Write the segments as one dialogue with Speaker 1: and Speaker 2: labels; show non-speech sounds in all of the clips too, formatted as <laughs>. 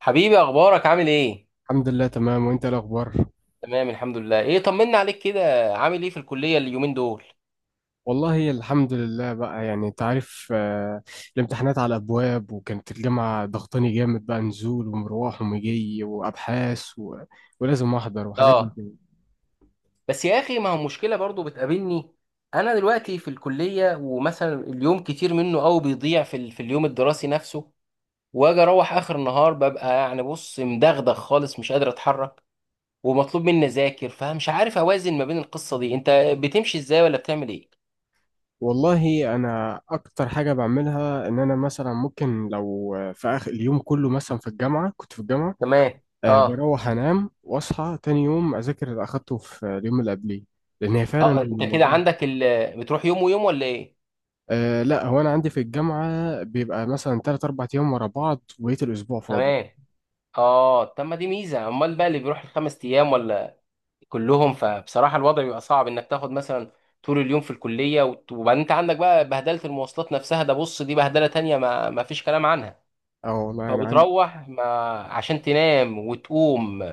Speaker 1: حبيبي، اخبارك؟ عامل ايه؟
Speaker 2: الحمد لله، تمام. وانت ايه الاخبار؟
Speaker 1: تمام الحمد لله. ايه طمنا عليك كده، عامل ايه في الكليه اليومين دول؟
Speaker 2: والله الحمد لله بقى، يعني انت عارف، الامتحانات على الابواب، وكانت الجامعه ضغطاني جامد بقى، نزول ومروح ومجي وابحاث و... ولازم احضر وحاجات من
Speaker 1: اه.
Speaker 2: كده.
Speaker 1: بس يا اخي ما هو مشكله برضو بتقابلني. انا دلوقتي في الكليه، ومثلا اليوم كتير منه قوي بيضيع في في اليوم الدراسي نفسه، واجي اروح اخر النهار ببقى يعني بص مدغدغ خالص، مش قادر اتحرك، ومطلوب مني اذاكر، فمش عارف اوازن ما بين القصه دي. انت بتمشي ازاي ولا بتعمل ايه؟
Speaker 2: والله انا اكتر حاجه بعملها ان انا مثلا ممكن، لو في اخر اليوم كله مثلا في الجامعه كنت في الجامعه،
Speaker 1: تمام. اه.
Speaker 2: بروح انام واصحى تاني يوم اذاكر اللي اخدته في اليوم اللي قبليه، لان هي فعلا
Speaker 1: اه، انت كده
Speaker 2: الموضوع.
Speaker 1: عندك بتروح يوم ويوم ولا ايه؟
Speaker 2: أه لا، هو انا عندي في الجامعه بيبقى مثلا 3 4 ايام ورا بعض وبقيت الاسبوع فاضي.
Speaker 1: تمام. اه، طب ما دي ميزه، امال بقى اللي بيروح الخمس ايام ولا كلهم؟ فبصراحه الوضع بيبقى صعب انك تاخد مثلا طول اليوم في الكليه، وبعدين انت عندك بقى بهدله المواصلات نفسها، ده بص دي بهدله تانية ما ما فيش كلام عنها.
Speaker 2: اه والله انا عندي.
Speaker 1: فبتروح ما عشان تنام وتقوم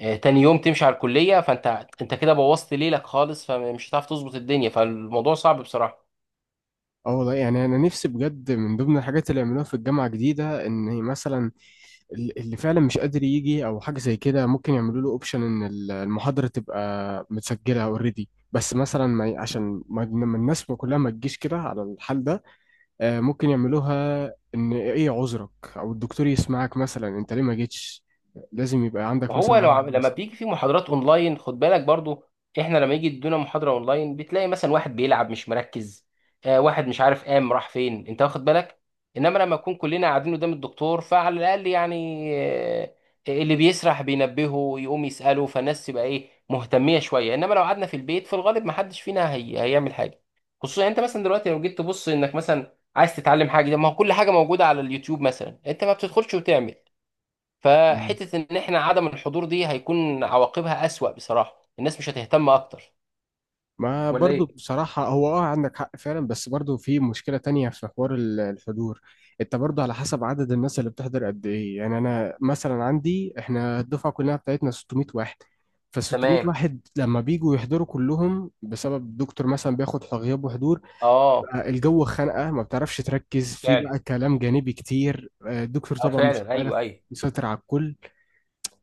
Speaker 1: تاني يوم تمشي على الكليه، فانت كده بوظت ليلك خالص، فمش هتعرف تظبط الدنيا، فالموضوع صعب بصراحه.
Speaker 2: اه والله، يعني انا نفسي بجد من ضمن الحاجات اللي يعملوها في الجامعه جديده، ان مثلا اللي فعلا مش قادر يجي او حاجه زي كده ممكن يعملوا له اوبشن ان المحاضره تبقى متسجله اوريدي، بس مثلا ما ي- عشان ما الناس ما كلها ما تجيش كده على الحال ده. ممكن يعملوها، ان ايه عذرك؟ او الدكتور يسمعك مثلا، انت ليه ما جيتش؟ لازم يبقى
Speaker 1: ما
Speaker 2: عندك
Speaker 1: هو لو
Speaker 2: مثلا
Speaker 1: لما بيجي في محاضرات اونلاين خد بالك برضو، احنا لما يجي يدونا محاضره اونلاين بتلاقي مثلا واحد بيلعب مش مركز، آه، واحد مش عارف قام راح فين، انت واخد بالك. انما لما نكون كلنا قاعدين قدام الدكتور فعلى الاقل يعني اللي بيسرح بينبهه يقوم يساله، فالناس تبقى ايه مهتميه شويه. انما لو قعدنا في البيت في الغالب ما حدش فينا هيعمل حاجه. خصوصا يعني انت مثلا دلوقتي لو جيت تبص انك مثلا عايز تتعلم حاجه، ده ما هو كل حاجه موجوده على اليوتيوب مثلا، انت ما بتدخلش وتعمل.
Speaker 2: عذر.
Speaker 1: فحتة ان احنا عدم الحضور دي هيكون عواقبها اسوأ بصراحة، الناس مش هتهتم اكتر.
Speaker 2: ما
Speaker 1: ولا
Speaker 2: برضو
Speaker 1: ايه؟
Speaker 2: بصراحة، هو عندك حق فعلا، بس برضو في مشكلة تانية في حوار الحضور. انت برضو على حسب عدد الناس اللي بتحضر قد ايه، يعني انا مثلا عندي، احنا الدفعة كلها بتاعتنا 600 واحد. ف 600
Speaker 1: تمام.
Speaker 2: واحد لما بيجوا يحضروا كلهم، بسبب الدكتور مثلا بياخد غياب وحضور،
Speaker 1: اه
Speaker 2: بقى الجو خانقة، ما بتعرفش تركز، في
Speaker 1: فعلا.
Speaker 2: بقى كلام جانبي كتير، الدكتور
Speaker 1: اه
Speaker 2: طبعا مش
Speaker 1: فعلا،
Speaker 2: عارف
Speaker 1: ايوه ايوه.
Speaker 2: يسيطر على الكل،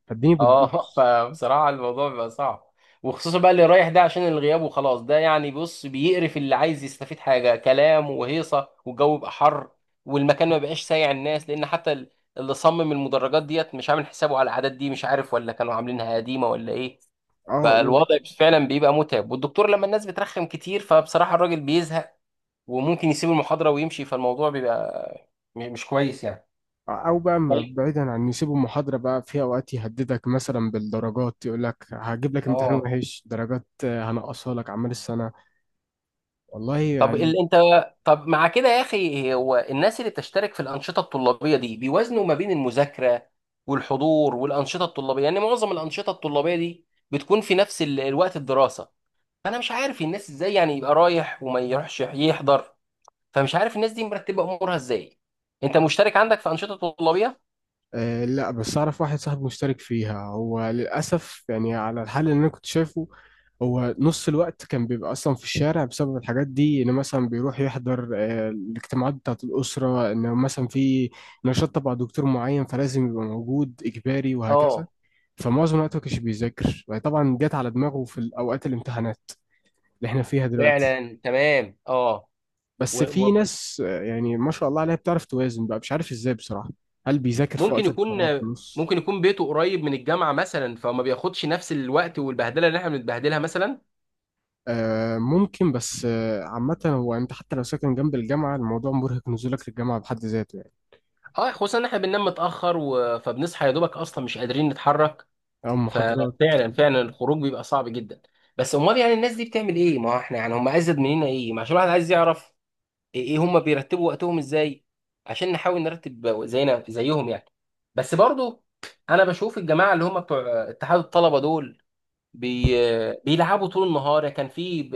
Speaker 2: فالدنيا بتبوظ.
Speaker 1: اه. <laughs> فبصراحة الموضوع بيبقى صعب، وخصوصا بقى اللي رايح ده عشان الغياب وخلاص، ده يعني بص بيقرف اللي عايز يستفيد، حاجة كلام وهيصة والجو يبقى حر، والمكان ما بقاش سايع الناس، لان حتى اللي صمم المدرجات ديت مش عامل حسابه على العادات دي، مش عارف ولا كانوا عاملينها قديمة ولا ايه.
Speaker 2: اه.
Speaker 1: فالوضع فعلا بيبقى متعب، والدكتور لما الناس بترخم كتير فبصراحة الراجل بيزهق وممكن يسيب المحاضرة ويمشي، فالموضوع بيبقى مش كويس يعني.
Speaker 2: او بقى
Speaker 1: طيب.
Speaker 2: بعيدا عن إن يسيبوا محاضره، بقى في اوقات يهددك مثلا بالدرجات، يقول لك هجيب لك امتحان
Speaker 1: اه،
Speaker 2: وحش درجات، هنقصها لك اعمال السنه. والله
Speaker 1: طب
Speaker 2: يعني.
Speaker 1: انت، طب مع كده يا اخي، هو الناس اللي بتشترك في الأنشطة الطلابية دي بيوازنوا ما بين المذاكرة والحضور والأنشطة الطلابية؟ يعني معظم الأنشطة الطلابية دي بتكون في نفس الوقت الدراسة، فأنا مش عارف الناس ازاي يعني يبقى رايح وما يروحش يحضر. فمش عارف الناس دي مرتبة أمورها ازاي. انت مشترك عندك في أنشطة طلابية؟
Speaker 2: آه لا، بس اعرف واحد صاحبي مشترك فيها. هو للاسف يعني، على الحال اللي انا كنت شايفه، هو نص الوقت كان بيبقى اصلا في الشارع بسبب الحاجات دي. ان مثلا بيروح يحضر الاجتماعات بتاعه الاسره، ان مثلا في نشاط تبع دكتور معين فلازم يبقى موجود اجباري وهكذا.
Speaker 1: اه
Speaker 2: فمعظم الوقت ما كانش بيذاكر، يعني طبعا جت على دماغه في اوقات الامتحانات اللي احنا فيها دلوقتي.
Speaker 1: فعلا. تمام. اه.
Speaker 2: بس في
Speaker 1: وممكن
Speaker 2: ناس يعني ما شاء الله عليها بتعرف توازن بقى، مش عارف ازاي بصراحة. هل بيذاكر في وقت
Speaker 1: يكون،
Speaker 2: الفراغ في نص؟
Speaker 1: ممكن يكون بيته قريب من الجامعه مثلا، فما بياخدش نفس الوقت والبهدله اللي احنا بنتبهدلها مثلا.
Speaker 2: آه ممكن، بس عامة هو انت حتى لو ساكن جنب الجامعة، الموضوع مرهق. نزولك للجامعة بحد ذاته يعني،
Speaker 1: اه، خصوصا ان احنا بننام متاخر فبنصحى يا دوبك اصلا مش قادرين نتحرك.
Speaker 2: او محاضرات.
Speaker 1: ففعلا فعلا الخروج بيبقى صعب جدا. بس امال يعني الناس دي بتعمل ايه؟ ما احنا يعني هم ازيد مننا ايه؟ ما عشان الواحد عايز يعرف ايه، إيه هم بيرتبوا وقتهم ازاي، عشان نحاول نرتب زينا زيهم يعني. بس برضو انا بشوف الجماعه اللي هم بتوع اتحاد الطلبه دول بي... بيلعبوا طول النهار. كان في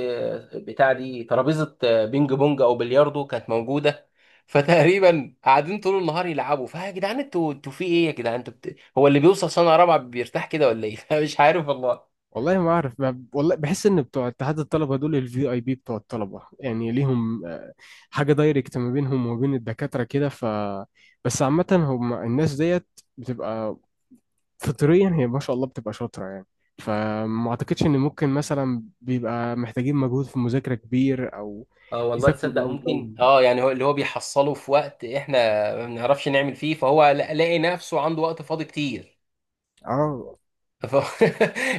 Speaker 1: بتاع دي ترابيزة بينج بونج او بلياردو كانت موجودة. <laughs> فتقريبا قاعدين طول النهار يلعبوا. فيا جدعان، انتوا في ايه يا جدعان؟ انتوا هو اللي بيوصل سنة رابعة بيرتاح كده ولا ايه؟ <laughs> مش عارف والله.
Speaker 2: والله ما اعرف، والله بحس ان بتوع اتحاد الطلبه دول الفي اي بي بتوع الطلبه، يعني ليهم حاجه دايركت ما بينهم وما بين الدكاتره كده. ف بس عامه هم الناس ديت بتبقى فطريا، هي ما شاء الله بتبقى شاطره يعني. فما اعتقدش ان ممكن مثلا بيبقى محتاجين مجهود في مذاكره كبير، او
Speaker 1: اه والله،
Speaker 2: يذاكروا
Speaker 1: تصدق
Speaker 2: بقى والجو.
Speaker 1: ممكن، اه يعني هو اللي هو بيحصله في وقت احنا ما بنعرفش نعمل فيه، فهو لاقي نفسه عنده وقت فاضي كتير.
Speaker 2: اه
Speaker 1: <laughs> ف...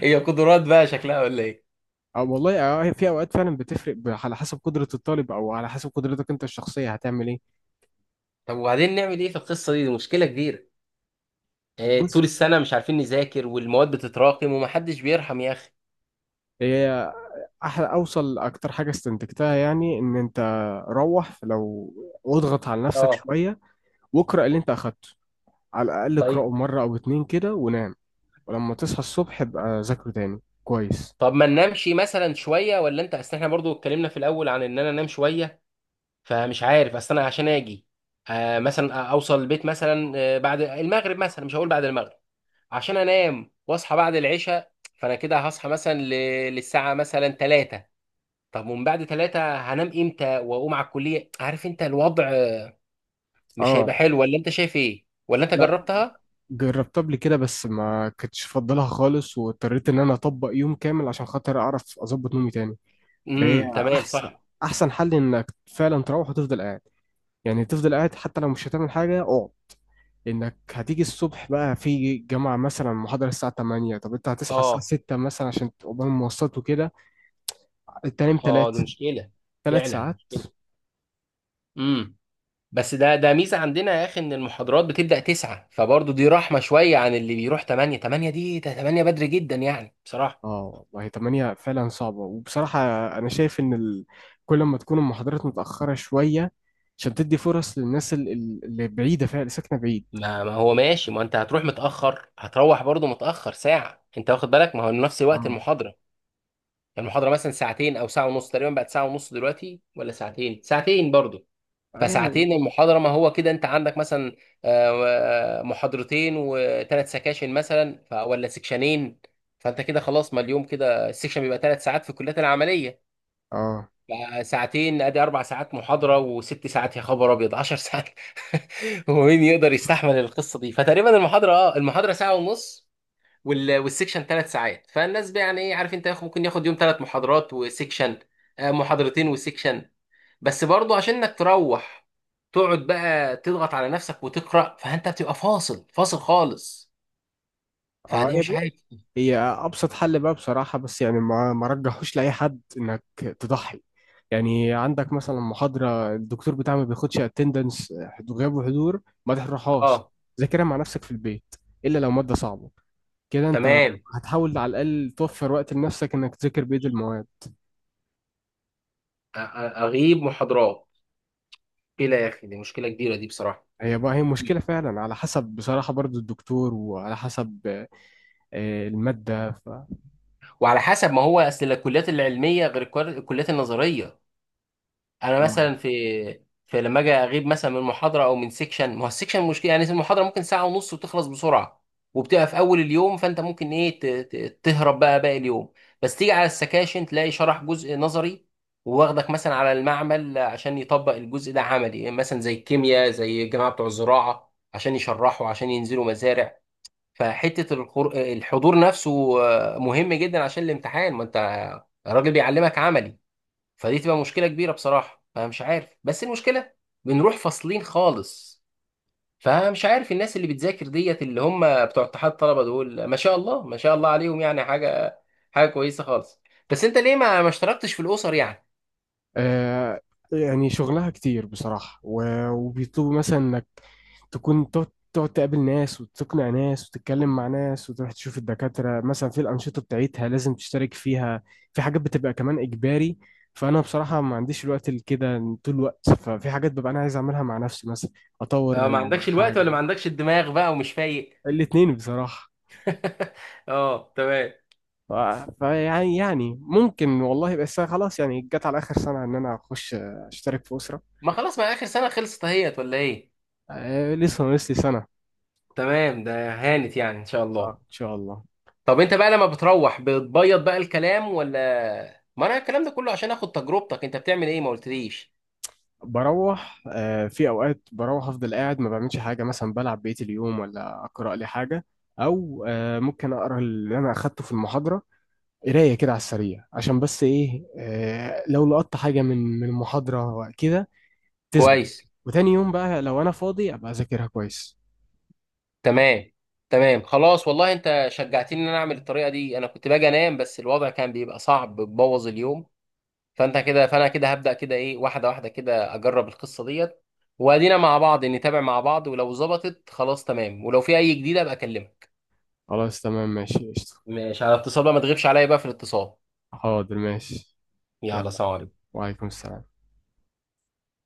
Speaker 1: هي قدرات بقى شكلها ولا ايه؟
Speaker 2: اه والله. اه في اوقات فعلا بتفرق، على حسب قدره الطالب، او على حسب قدرتك انت الشخصيه هتعمل ايه.
Speaker 1: طب وبعدين نعمل ايه في القصة دي؟ دي مشكلة كبيرة، طول
Speaker 2: بص،
Speaker 1: السنة مش عارفين نذاكر، والمواد بتتراكم، ومحدش بيرحم يا أخي.
Speaker 2: هي احلى اوصل اكتر حاجه استنتجتها يعني، ان انت روح لو واضغط على نفسك
Speaker 1: اه.
Speaker 2: شويه واقرا اللي انت اخدته، على الاقل اقراه
Speaker 1: طيب.
Speaker 2: مره او اتنين كده ونام. ولما تصحى الصبح ابقى ذاكره تاني كويس.
Speaker 1: طب ما ننامش مثلا شوية، ولا أنت؟ أصل إحنا برضو اتكلمنا في الأول عن إن أنا أنام شوية، فمش عارف. أصل أنا عشان آجي آه مثلا أوصل البيت مثلا بعد المغرب، مثلا مش هقول بعد المغرب، عشان أنام وأصحى بعد العشاء، فأنا كده هصحى مثلا للساعة مثلا 3. طب ومن بعد 3 هنام إمتى وأقوم على الكلية؟ عارف أنت، الوضع مش
Speaker 2: اه
Speaker 1: هيبقى حلو. ولا أنت شايف إيه؟ ولا أنت
Speaker 2: لا،
Speaker 1: جربتها؟
Speaker 2: جربتها قبل كده بس ما كنتش افضلها خالص، واضطريت ان انا اطبق يوم كامل عشان خاطر اعرف اظبط نومي تاني. فهي
Speaker 1: امم، تمام
Speaker 2: احسن
Speaker 1: صح.
Speaker 2: احسن حل انك فعلا تروح وتفضل قاعد، يعني تفضل قاعد حتى لو مش هتعمل حاجه، اقعد. انك هتيجي الصبح بقى في جامعة مثلا محاضرة الساعة 8، طب انت هتصحى الساعة
Speaker 1: اه.
Speaker 2: 6 مثلا عشان قبل المواصلات وكده، تنام 3
Speaker 1: اه دي مشكله.
Speaker 2: 3
Speaker 1: فعلا
Speaker 2: ساعات.
Speaker 1: مشكله. امم. بس ده ده ميزه عندنا يا اخي ان المحاضرات بتبدا 9، فبرضه دي رحمه شويه عن اللي بيروح 8. 8 دي، ده 8 بدري جدا يعني بصراحه.
Speaker 2: اه والله 8 فعلا صعبة، وبصراحة انا شايف ان ال... كل ما تكون المحاضرات متأخرة شوية عشان تدي فرص للناس اللي بعيدة فعلا، اللي ساكنة بعيد.
Speaker 1: ما ما هو ماشي، ما انت هتروح متاخر، هتروح برضه متاخر ساعه، انت واخد بالك؟ ما هو نفس وقت
Speaker 2: اه
Speaker 1: المحاضره. المحاضره مثلا ساعتين او ساعه ونص تقريبا، بقت ساعه ونص دلوقتي، ولا ساعتين؟ ساعتين برضه.
Speaker 2: آه يعني.
Speaker 1: فساعتين المحاضرة، ما هو كده انت عندك مثلا محاضرتين وثلاث سكاشن مثلا، ولا سكشنين. فانت كده خلاص، ما اليوم كده السكشن بيبقى ثلاث ساعات في الكليات العملية،
Speaker 2: اه
Speaker 1: ساعتين ادي اربع ساعات محاضرة وست ساعات، يا خبر ابيض 10 ساعات! <laughs> هو مين يقدر يستحمل القصة دي؟ فتقريبا المحاضرة، اه المحاضرة ساعة ونص، والسكشن ثلاث ساعات. فالناس بقى يعني ايه، عارف انت، ممكن ياخد يوم ثلاث محاضرات وسكشن، محاضرتين وسكشن. بس برضو عشان انك تروح تقعد بقى تضغط على نفسك وتقرا، فانت بتبقى فاصل فاصل خالص.
Speaker 2: اه،
Speaker 1: فدي مش حاجه.
Speaker 2: هي ابسط حل بقى بصراحه، بس يعني ما رجحوش لاي حد انك تضحي. يعني عندك مثلا محاضره الدكتور بتاعها ما بياخدش اتندنس غياب وحضور، ما تروحهاش،
Speaker 1: اه.
Speaker 2: ذاكرها مع نفسك في البيت. الا لو ماده صعبه، كده انت
Speaker 1: تمام.
Speaker 2: هتحاول على الاقل توفر وقت لنفسك انك تذاكر بيد المواد.
Speaker 1: اغيب محاضرات؟ مشكله يا اخي، دي مشكله كبيره دي بصراحه.
Speaker 2: هي بقى مشكله فعلا، على حسب بصراحه برضو الدكتور، وعلى حسب الماده.
Speaker 1: وعلى حسب، ما هو اصل الكليات العلميه غير الكليات النظريه. انا
Speaker 2: ف...
Speaker 1: مثلا في، في لما اجي اغيب مثلا من محاضره او من سيكشن، ما هو السيكشن مشكله يعني. المحاضره ممكن ساعه ونص وتخلص بسرعه وبتبقى في اول اليوم، فانت ممكن ايه تهرب بقى باقي اليوم، بس تيجي على السكاشن تلاقي شرح جزء نظري، وواخدك مثلا على المعمل عشان يطبق الجزء ده عملي، يعني مثلا زي الكيمياء، زي الجماعه بتوع الزراعه عشان يشرحوا عشان ينزلوا مزارع. فحته الحضور نفسه مهم جدا عشان الامتحان، ما انت الراجل بيعلمك عملي. فدي تبقى مشكله كبيره بصراحه، فمش عارف. بس المشكله بنروح فاصلين خالص، فمش عارف الناس اللي بتذاكر ديت اللي هم بتوع اتحاد الطلبه دول، ما شاء الله ما شاء الله عليهم، يعني حاجه حاجه كويسه خالص. بس انت ليه ما ما اشتركتش في الاسر يعني؟
Speaker 2: آه، يعني شغلها كتير بصراحة، وبيطلبوا مثلا انك تكون تقعد، تقابل ناس وتقنع ناس وتتكلم مع ناس وتروح تشوف الدكاترة مثلا في الأنشطة بتاعتها لازم تشترك فيها. في حاجات بتبقى كمان إجباري، فأنا بصراحة ما عنديش الوقت لكده طول الوقت. ففي حاجات ببقى أنا عايز أعملها مع نفسي، مثلا
Speaker 1: اه ما
Speaker 2: أطور
Speaker 1: عندكش الوقت،
Speaker 2: حاجة.
Speaker 1: ولا ما عندكش الدماغ بقى ومش فايق؟
Speaker 2: الاتنين بصراحة.
Speaker 1: <laughs> اه تمام.
Speaker 2: ف- فيعني يعني ممكن والله، بس خلاص يعني جت على آخر سنة إن أنا أخش أشترك في أسرة.
Speaker 1: ما خلاص، ما اخر سنه خلصت اهيت ولا ايه؟
Speaker 2: لسه ناقص لي سنة.
Speaker 1: تمام، ده هانت يعني ان شاء
Speaker 2: اه
Speaker 1: الله.
Speaker 2: ان شاء الله.
Speaker 1: طب انت بقى لما بتروح بتبيض بقى الكلام، ولا؟ ما انا الكلام ده كله عشان اخد تجربتك، انت بتعمل ايه ما قلتليش.
Speaker 2: بروح، في اوقات بروح افضل قاعد ما بعملش حاجه، مثلا بلعب بقيه اليوم، ولا اقرا لي حاجه، او ممكن اقرا اللي انا اخدته في المحاضره، قرايه كده على السريع عشان بس ايه، لو لقطت حاجه من المحاضره وكده تثبت.
Speaker 1: كويس.
Speaker 2: وتاني يوم بقى لو انا فاضي ابقى اذاكرها كويس.
Speaker 1: تمام. تمام، خلاص والله انت شجعتني ان انا اعمل الطريقه دي، انا كنت باجي انام بس الوضع كان بيبقى صعب بتبوظ اليوم، فانت كده، فانا كده هبدا كده ايه، واحده واحده كده، اجرب القصه ديت، وادينا مع بعض نتابع مع بعض، ولو ظبطت خلاص تمام، ولو في اي جديده ابقى اكلمك.
Speaker 2: خلاص تمام ماشي قشطه.
Speaker 1: مش على اتصال بقى، ما تغيبش عليا بقى في الاتصال.
Speaker 2: حاضر ماشي.
Speaker 1: يلا،
Speaker 2: يلا.
Speaker 1: سلام عليكم.
Speaker 2: وعليكم السلام.